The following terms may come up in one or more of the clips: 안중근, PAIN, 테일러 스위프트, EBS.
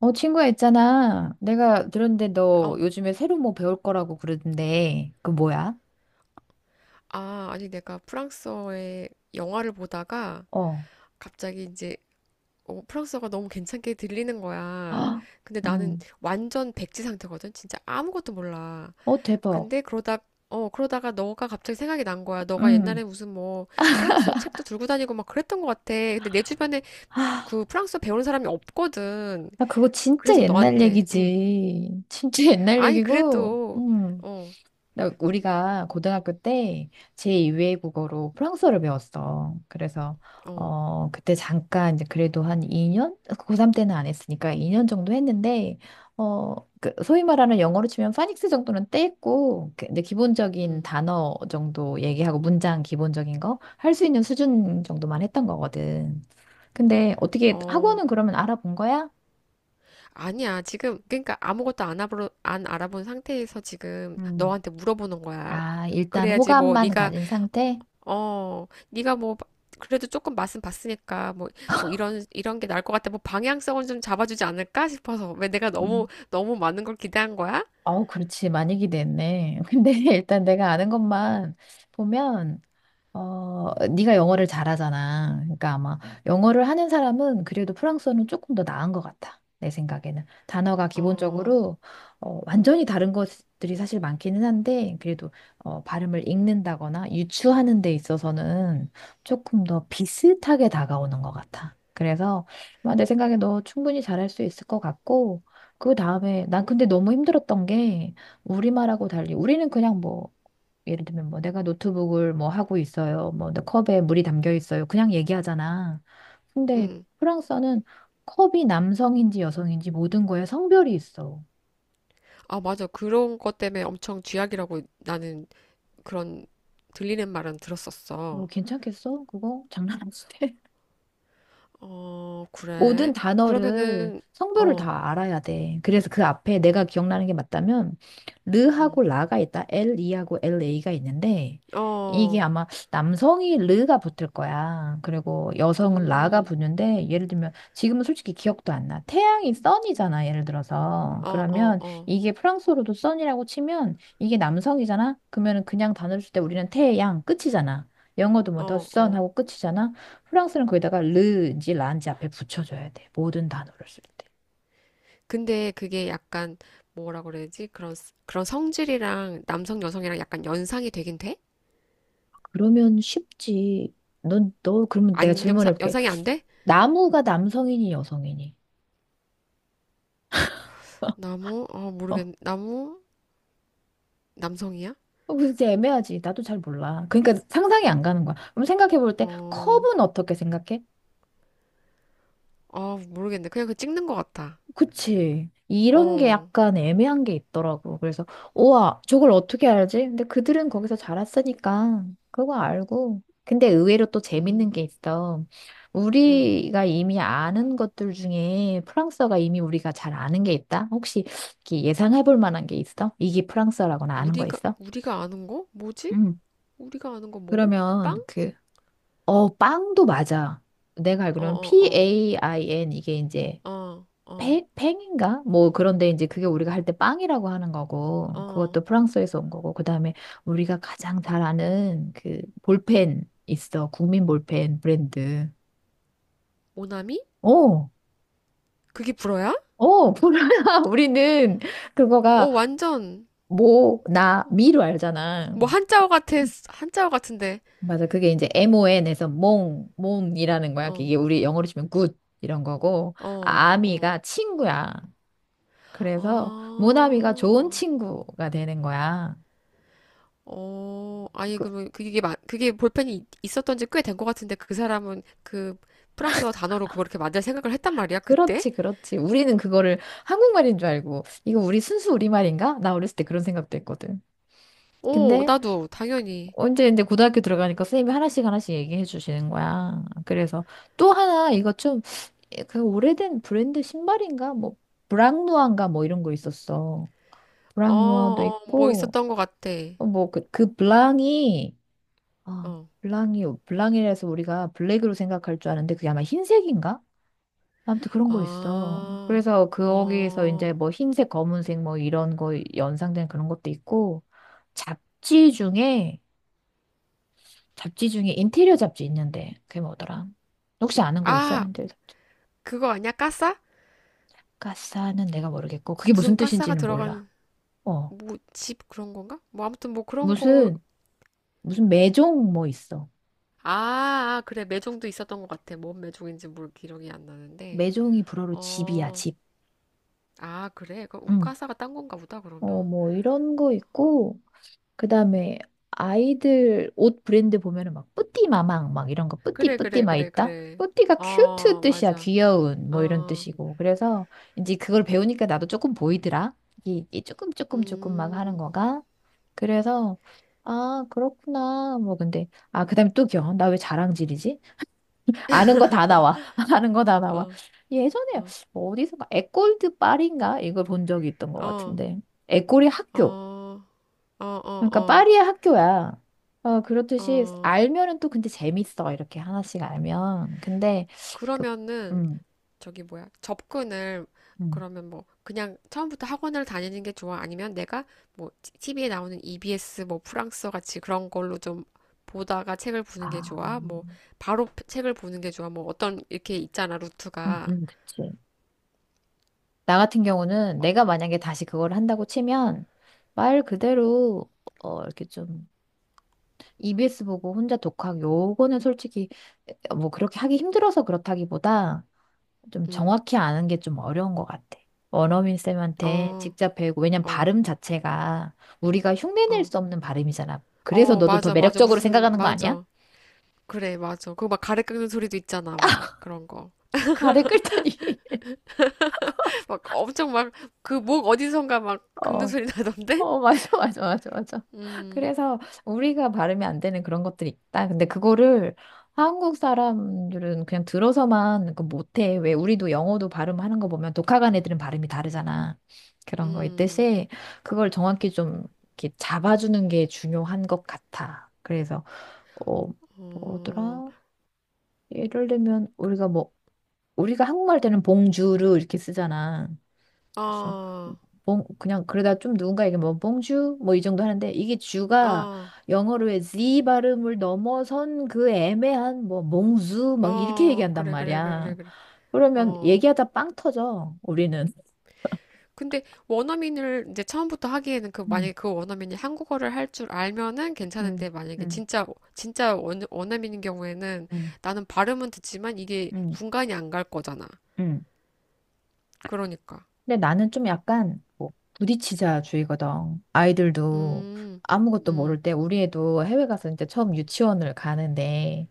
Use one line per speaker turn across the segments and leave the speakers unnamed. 친구야 있잖아. 내가 들었는데 너
어,
요즘에 새로 뭐 배울 거라고 그러던데. 그 뭐야?
아, 아니, 내가 프랑스어의 영화를 보다가
어.
갑자기 이제 프랑스어가 너무 괜찮게 들리는 거야. 근데 나는
응.
완전 백지 상태거든. 진짜 아무것도 몰라.
어, 대박.
근데 그러다가 너가 갑자기 생각이 난 거야. 너가
응.
옛날에 무슨 뭐 프랑스어 책도 들고 다니고 막 그랬던 것 같아. 근데 내 주변에
아,
그 프랑스어 배우는 사람이 없거든.
나 그거 진짜
그래서
옛날
너한테
얘기지. 진짜 옛날
아니
얘기고.
그래도.
응.
어.
우리가 고등학교 때 제2외 국어로 프랑스어를 배웠어. 그래서
어.
그때 잠깐 이제 그래도 한 2년? 고3 때는 안 했으니까 2년 정도 했는데 어그 소위 말하는 영어로 치면 파닉스 정도는 떼고 이제 기본적인
음.
단어 정도 얘기하고 문장 기본적인 거 할 수 있는 수준 정도만 했던 거거든. 근데 어떻게
어.
학원은 그러면 알아본 거야?
아니야. 지금 그러니까 아무것도 안 알아보, 안 알아본 상태에서 지금
음.
너한테 물어보는 거야.
아, 일단
그래야지 뭐
호감만
네가
가진 상태?
어 네가 뭐 그래도 조금 맛은 봤으니까 뭐 이런 게 나을 것 같아. 뭐 방향성은 좀 잡아주지 않을까 싶어서 왜 내가 너무
음.
너무 많은 걸 기대한 거야?
아우, 그렇지. 많이 기대했네. 근데 일단 내가 아는 것만 보면, 어, 네가 영어를 잘하잖아. 그러니까 아마 영어를 하는 사람은 그래도 프랑스어는 조금 더 나은 것 같아. 내 생각에는. 단어가
어,
기본적으로 어, 완전히 다른 것들이 사실 많기는 한데 그래도 어, 발음을 읽는다거나 유추하는 데 있어서는 조금 더 비슷하게 다가오는 것 같아. 그래서 아마 내 생각에 너 충분히 잘할 수 있을 것 같고 그 다음에 난 근데 너무 힘들었던 게 우리말하고 달리 우리는 그냥 뭐 예를 들면 뭐 내가 노트북을 뭐 하고 있어요. 뭐 내 컵에 물이 담겨 있어요. 그냥 얘기하잖아. 근데
음.
프랑스어는 컵이 남성인지 여성인지 모든 거에 성별이 있어.
아, 맞아. 그런 것 때문에 엄청 쥐약이라고 나는 그런 들리는 말은
너
들었었어.
괜찮겠어? 그거 장난 아닌데?
어,
모든
그래.
단어를
그러면은.
성별을
어.
다 알아야 돼. 그래서 그 앞에 내가 기억나는 게 맞다면
음.
르하고 라가 있다. LE하고 LA가 있는데 이게
어.
아마 남성이 르가 붙을 거야. 그리고 여성은 라가
음,
붙는데 예를 들면 지금은 솔직히 기억도 안 나. 태양이 선이잖아. 예를 들어서.
어, 어,
그러면
어,
이게 프랑스어로도 선이라고 치면 이게 남성이잖아. 그러면 그냥 단어를 쓸 때 우리는 태양 끝이잖아. 영어도 뭐 더
어, 어.
선하고 끝이잖아. 프랑스는 거기다가 르인지 란지 앞에 붙여줘야 돼. 모든 단어를 쓸 때.
근데 그게 약간 뭐라 그래야지? 그런 그런 성질이랑 남성 여성이랑 약간 연상이 되긴 돼?
그러면 쉽지. 너, 그러면 내가
안 연상
질문해볼게.
연상이 안 돼?
나무가 남성이니 여성이니?
나무? 모르겠.
어,
나무? 남성이야?
진짜 애매하지. 나도 잘 몰라. 그러니까 상상이 안 가는 거야. 그럼 생각해볼 때
어,
컵은 어떻게 생각해?
어, 모르겠네. 그냥 그 찍는 것 같아.
그치. 이런 게
어,
약간 애매한 게 있더라고. 그래서, 우와, 저걸 어떻게 알지? 근데 그들은 거기서 자랐으니까 그거 알고. 근데 의외로 또 재밌는
음,
게 있어.
음.
우리가 이미 아는 것들 중에 프랑스어가 이미 우리가 잘 아는 게 있다? 혹시 이렇게 예상해 볼 만한 게 있어? 이게 프랑스어라고나 아는 거
우리가
있어?
우리가 아는 거? 뭐지?
응.
우리가 아는 거 뭐?
그러면
빵?
그, 어, 빵도 맞아. 내가
어,
알기로는
어,
PAIN
어,
이게 이제
어, 어,
팽, 팽인가? 뭐 그런데 이제 그게 우리가 할 때 빵이라고 하는 거고
어.
그것도 프랑스에서 온 거고 그다음에 우리가 가장 잘 아는 그 볼펜 있어. 국민 볼펜 브랜드.
오나미?
어.
그게 불어야?
어, 보라. 우리는
어,
그거가
완전.
모, 나, 미로 알잖아.
뭐 한자어 같은데.
맞아. 그게 이제 MON에서 몽, 몽이라는 거야.
어,
이게 우리 영어로 치면 굿 이런 거고
어,
아미가
어,
친구야. 그래서 모나미가 좋은
아,
친구가 되는 거야.
어, 아니,
그,
그러면 그게 그게 볼펜이 있었던 지 꽤 된 것 같은데, 그 사람은 그 프랑스어 단어로 그걸 이렇게 만들 생각을 했단 말이야, 그때.
그렇지, 그렇지. 우리는 그거를 한국말인 줄 알고, 이거 우리 순수 우리말인가? 나 어렸을 때 그런 생각도 했거든.
어,
근데
나도 당연히.
언제 이제 고등학교 들어가니까 선생님이 하나씩 하나씩 얘기해 주시는 거야. 그래서 또 하나 이거 좀 그 오래된 브랜드 신발인가? 뭐 브랑누아인가 뭐 이런 거 있었어. 브랑누아도
어어뭐
있고
있었던 것 같아.
어, 뭐 그 그 블랑이 아 블랑이 블랑이라서 우리가 블랙으로 생각할 줄 아는데 그게 아마 흰색인가? 아무튼 그런 거 있어.
어아어아.
그래서 거기에서 이제 뭐 흰색, 검은색 뭐 이런 거 연상된 그런 것도 있고 잡지 중에 잡지 중에 인테리어 잡지 있는데 그게 뭐더라? 혹시 아는 거 있어요? 인테리어 잡지.
그거 아니야, 까싸.
가사는 내가 모르겠고 그게 무슨
무슨 까싸가
뜻인지는 몰라.
들어간
어.
뭐 집 그런 건가, 뭐 아무튼 뭐 그런 거.
무슨 매종 뭐 있어.
아, 그래. 매종도 있었던 것 같아. 뭔 매종인지 모르 기억이 안 나는데.
매종이 불어로 집이야,
어,
집.
아, 그래. 그
응.
운가사가 딴 건가 보다,
어,
그러면.
뭐 이런 거 있고 그다음에 아이들 옷 브랜드 보면은 막 뿌띠 마망 막 이런 거 뿌띠
그래,
뿌띠
그래,
막
그래,
있다.
그래.
뿌띠가 큐트
어,
뜻이야.
맞아.
귀여운 뭐 이런
어,
뜻이고. 그래서 이제 그걸 배우니까 나도 조금 보이더라. 이게 조금 조금 막 하는
음,
거가. 그래서 아, 그렇구나. 뭐 근데 아, 그다음에 또 귀여워. 나 왜 자랑질이지? 아는 거 다 나와. 아는 거 다 나와.
어,
예전에
어,
어디선가 애골드 파리인가 이걸 본 적이 있던 것
어,
같은데. 애골이 학교.
어, 어,
그러니까
어,
파리의 학교야. 어,
어,
그렇듯이
어.
알면은 또 근데 재밌어. 이렇게 하나씩 알면. 근데 그
그러면은,
음.
저기 뭐야, 접근을.
음.
그러면 뭐 그냥 처음부터 학원을 다니는 게 좋아? 아니면 내가 뭐 TV에 나오는 EBS 뭐 프랑스어 같이 그런 걸로 좀 보다가 책을 보는 게
아.
좋아? 뭐 바로 책을 보는 게 좋아? 뭐 어떤 이렇게 있잖아, 루트가.
그치. 나 같은 경우는 내가 만약에 다시 그걸 한다고 치면 말 그대로 어, 이렇게 좀 EBS 보고 혼자 독학 요거는 솔직히 뭐 그렇게 하기 힘들어서 그렇다기보다 좀
응.
정확히 아는 게 좀 어려운 것 같아. 원어민 쌤한테
어,
직접 배우고, 왜냐면
어,
발음 자체가 우리가 흉내낼
어.
수 없는 발음이잖아. 그래서
어,
너도 더
맞아, 맞아.
매력적으로
무슨,
생각하는 거 아니야?
맞아. 그래, 맞아. 그거 막 가래 긁는 소리도 있잖아, 막 그런 거.
가래 끓다니.
막 엄청 막 그 목 어디선가 막 긁는
어.
소리 나던데?
어, 맞아, 맞아, 맞아, 맞아.
음,
그래서 우리가 발음이 안 되는 그런 것들이 있다. 근데 그거를 한국 사람들은 그냥 들어서만 그 못해. 왜 우리도 영어도 발음하는 거 보면 독학한 애들은 발음이 다르잖아. 그런 거
음,
있듯이 그걸 정확히 좀 이렇게 잡아주는 게 중요한 것 같아. 그래서 어,
어.
뭐더라? 예를 들면 우리가 한국말 때는 봉주르 이렇게 쓰잖아. 그래서
어,
봉 그냥 그러다 좀 누군가에게 뭐 봉주 뭐 이 정도 하는데 이게 주가
어,
영어로 의 Z 발음을 넘어선 그 애매한 뭐 몽주 막 이렇게
어,
얘기한단
그래, 그래, 그래,
말이야.
그래.
그러면
어.
얘기하다 빵 터져 우리는.
근데 원어민을 이제 처음부터 하기에는, 그
음,
만약에 그 원어민이 한국어를 할 줄 알면은
음,
괜찮은데, 만약에
음,
진짜 진짜 원어민인 경우에는
음,
나는 발음은 듣지만 이게
음,
분간이 안 갈 거잖아.
음.
그러니까.
근데 나는 좀 약간 뭐 부딪히자 주의거든. 아이들도
음.
아무것도
음.
모를 때 우리 애도 해외 가서 이제 처음 유치원을 가는데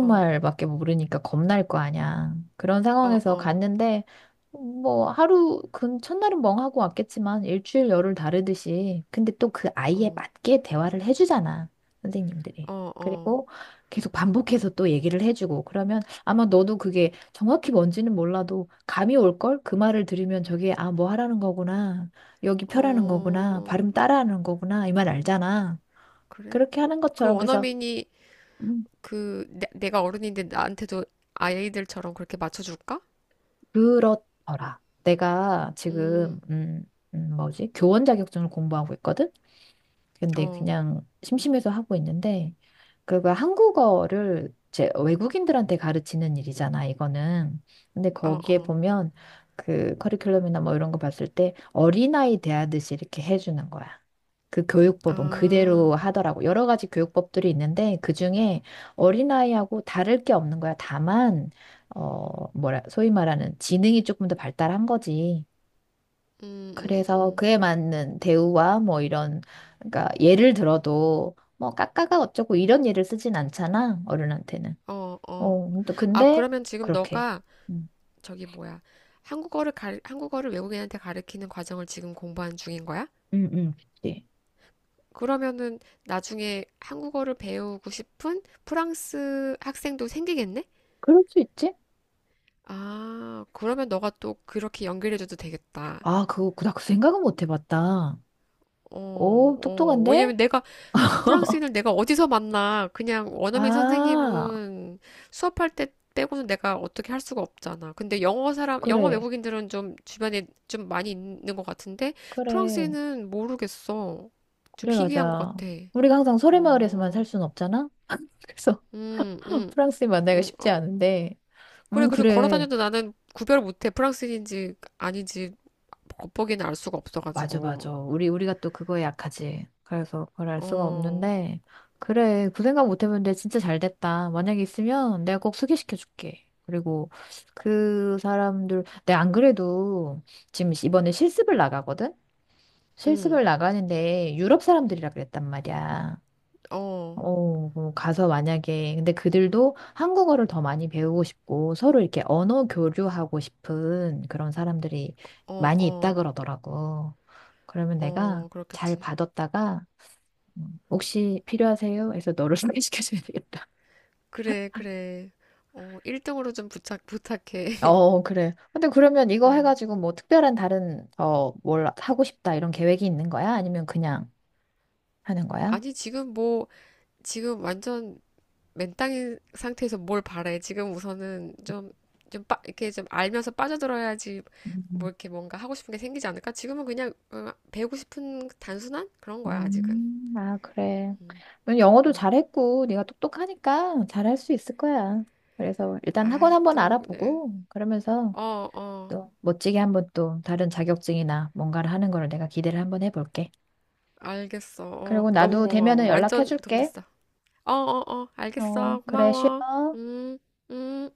어.
모르니까 겁날 거 아니야. 그런
어,
상황에서
어.
갔는데 뭐 하루 근 첫날은 멍하고 왔겠지만 일주일 열흘 다르듯이 근데 또 그 아이에
어.
맞게 대화를 해주잖아. 선생님들이.
어, 어.
그리고 계속 반복해서 또 얘기를 해주고 그러면 아마 너도 그게 정확히 뭔지는 몰라도 감이 올걸? 그 말을 들으면 저게 아, 뭐 하라는 거구나. 여기 펴라는 거구나.
어.
발음 따라하는 거구나. 이 말 알잖아.
그래?
그렇게
어.
하는
그
것처럼 그래서
원어민이
음,
그 내가 어른인데 나한테도 아이들처럼 그렇게 맞춰줄까?
그렇더라. 내가 지금
음,
뭐지? 교원 자격증을 공부하고 있거든. 근데
어,
그냥 심심해서 하고 있는데 그거 한국어를 제 외국인들한테 가르치는 일이잖아, 이거는. 근데
어,
거기에
어,
보면 그 커리큘럼이나 뭐 이런 거 봤을 때 어린아이 대하듯이 이렇게 해주는 거야. 그 교육법은
아,
그대로 하더라고. 여러 가지 교육법들이 있는데 그중에 어린아이하고 다를 게 없는 거야. 다만, 어, 뭐라, 소위 말하는 지능이 조금 더 발달한 거지.
음, 음,
그래서
음,
그에 맞는 대우와 뭐 이런, 그러니까 예를 들어도 뭐 까까가 어쩌고 이런 예를 쓰진 않잖아, 어른한테는.
어, 어.
어, 또
아,
근데
그러면 지금
그렇게.
너가
음,
저기 뭐야? 한국어를 외국인한테 가르치는 과정을 지금 공부하는 중인 거야?
그치.
그러면은 나중에 한국어를 배우고 싶은 프랑스 학생도 생기겠네?
그럴 수 있지?
아, 그러면 너가 또 그렇게 연결해줘도 되겠다.
아, 그거 그나 그 생각은 못 해봤다.
어,
오,
어.
똑똑한데?
왜냐면 내가 프랑스인을 내가 어디서 만나? 그냥 원어민
아,
선생님은 수업할 때 빼고는 내가 어떻게 할 수가 없잖아. 근데 영어
그래,
외국인들은 좀 주변에 좀 많이 있는 것 같은데,
그래,
프랑스인은 모르겠어. 좀
그래,
희귀한 것
맞아.
같아.
우리가 항상 소래마을에서만 살
어,
순 없잖아? 그래서
음, 음,
프랑스인 만나기가
어,
쉽지 않은데.
그래, 그리고 걸어
그래.
다녀도 나는 구별 못해. 프랑스인인지 아닌지 겉보기는 알 수가
맞아,
없어가지고.
맞아. 우리가 또 그거에 약하지. 그래서 그걸 알 수가
어,
없는데. 그래, 그 생각 못 해봤는데 진짜 잘 됐다. 만약에 있으면 내가 꼭 소개시켜줄게. 그리고 그 사람들, 내가 안 그래도 지금 이번에 실습을 나가거든?
음,
실습을 나가는데 유럽 사람들이라 그랬단 말이야.
어,
어, 그럼 가서 만약에, 근데 그들도 한국어를 더 많이 배우고 싶고 서로 이렇게 언어 교류하고 싶은 그런 사람들이
어,
많이 있다
어,
그러더라고. 그러면 내가
어,
잘
그렇겠지.
받았다가, 혹시 필요하세요? 해서 너를 소개시켜줘야 되겠다.
그래, 그래. 어, 1등으로 좀 부탁해.
어, 그래. 근데 그러면 이거
어.
해가지고 뭐 특별한 다른, 어, 뭘 하고 싶다 이런 계획이 있는 거야? 아니면 그냥 하는 거야?
아니, 지금 뭐, 지금 완전 맨땅인 상태에서 뭘 바래. 지금 우선은 좀, 이렇게 좀 알면서 빠져들어야지. 뭐
음.
이렇게 뭔가 하고 싶은 게 생기지 않을까? 지금은 그냥 배우고 싶은 단순한 그런 거야, 아직은.
아, 그래. 넌 영어도
음.
잘했고, 네가 똑똑하니까 잘할 수 있을 거야. 그래서 일단 학원
아유,
한번
또 그냥.
알아보고, 그러면서
어, 어.
또 멋지게 한번 또 다른 자격증이나 뭔가를 하는 거를 내가 기대를 한번 해볼게.
알겠어. 어,
그리고
너무
나도
고마워.
되면은
완전 도움
연락해줄게.
됐어. 어, 어, 어.
어,
알겠어.
그래,
고마워.
쉬어.
음, 음.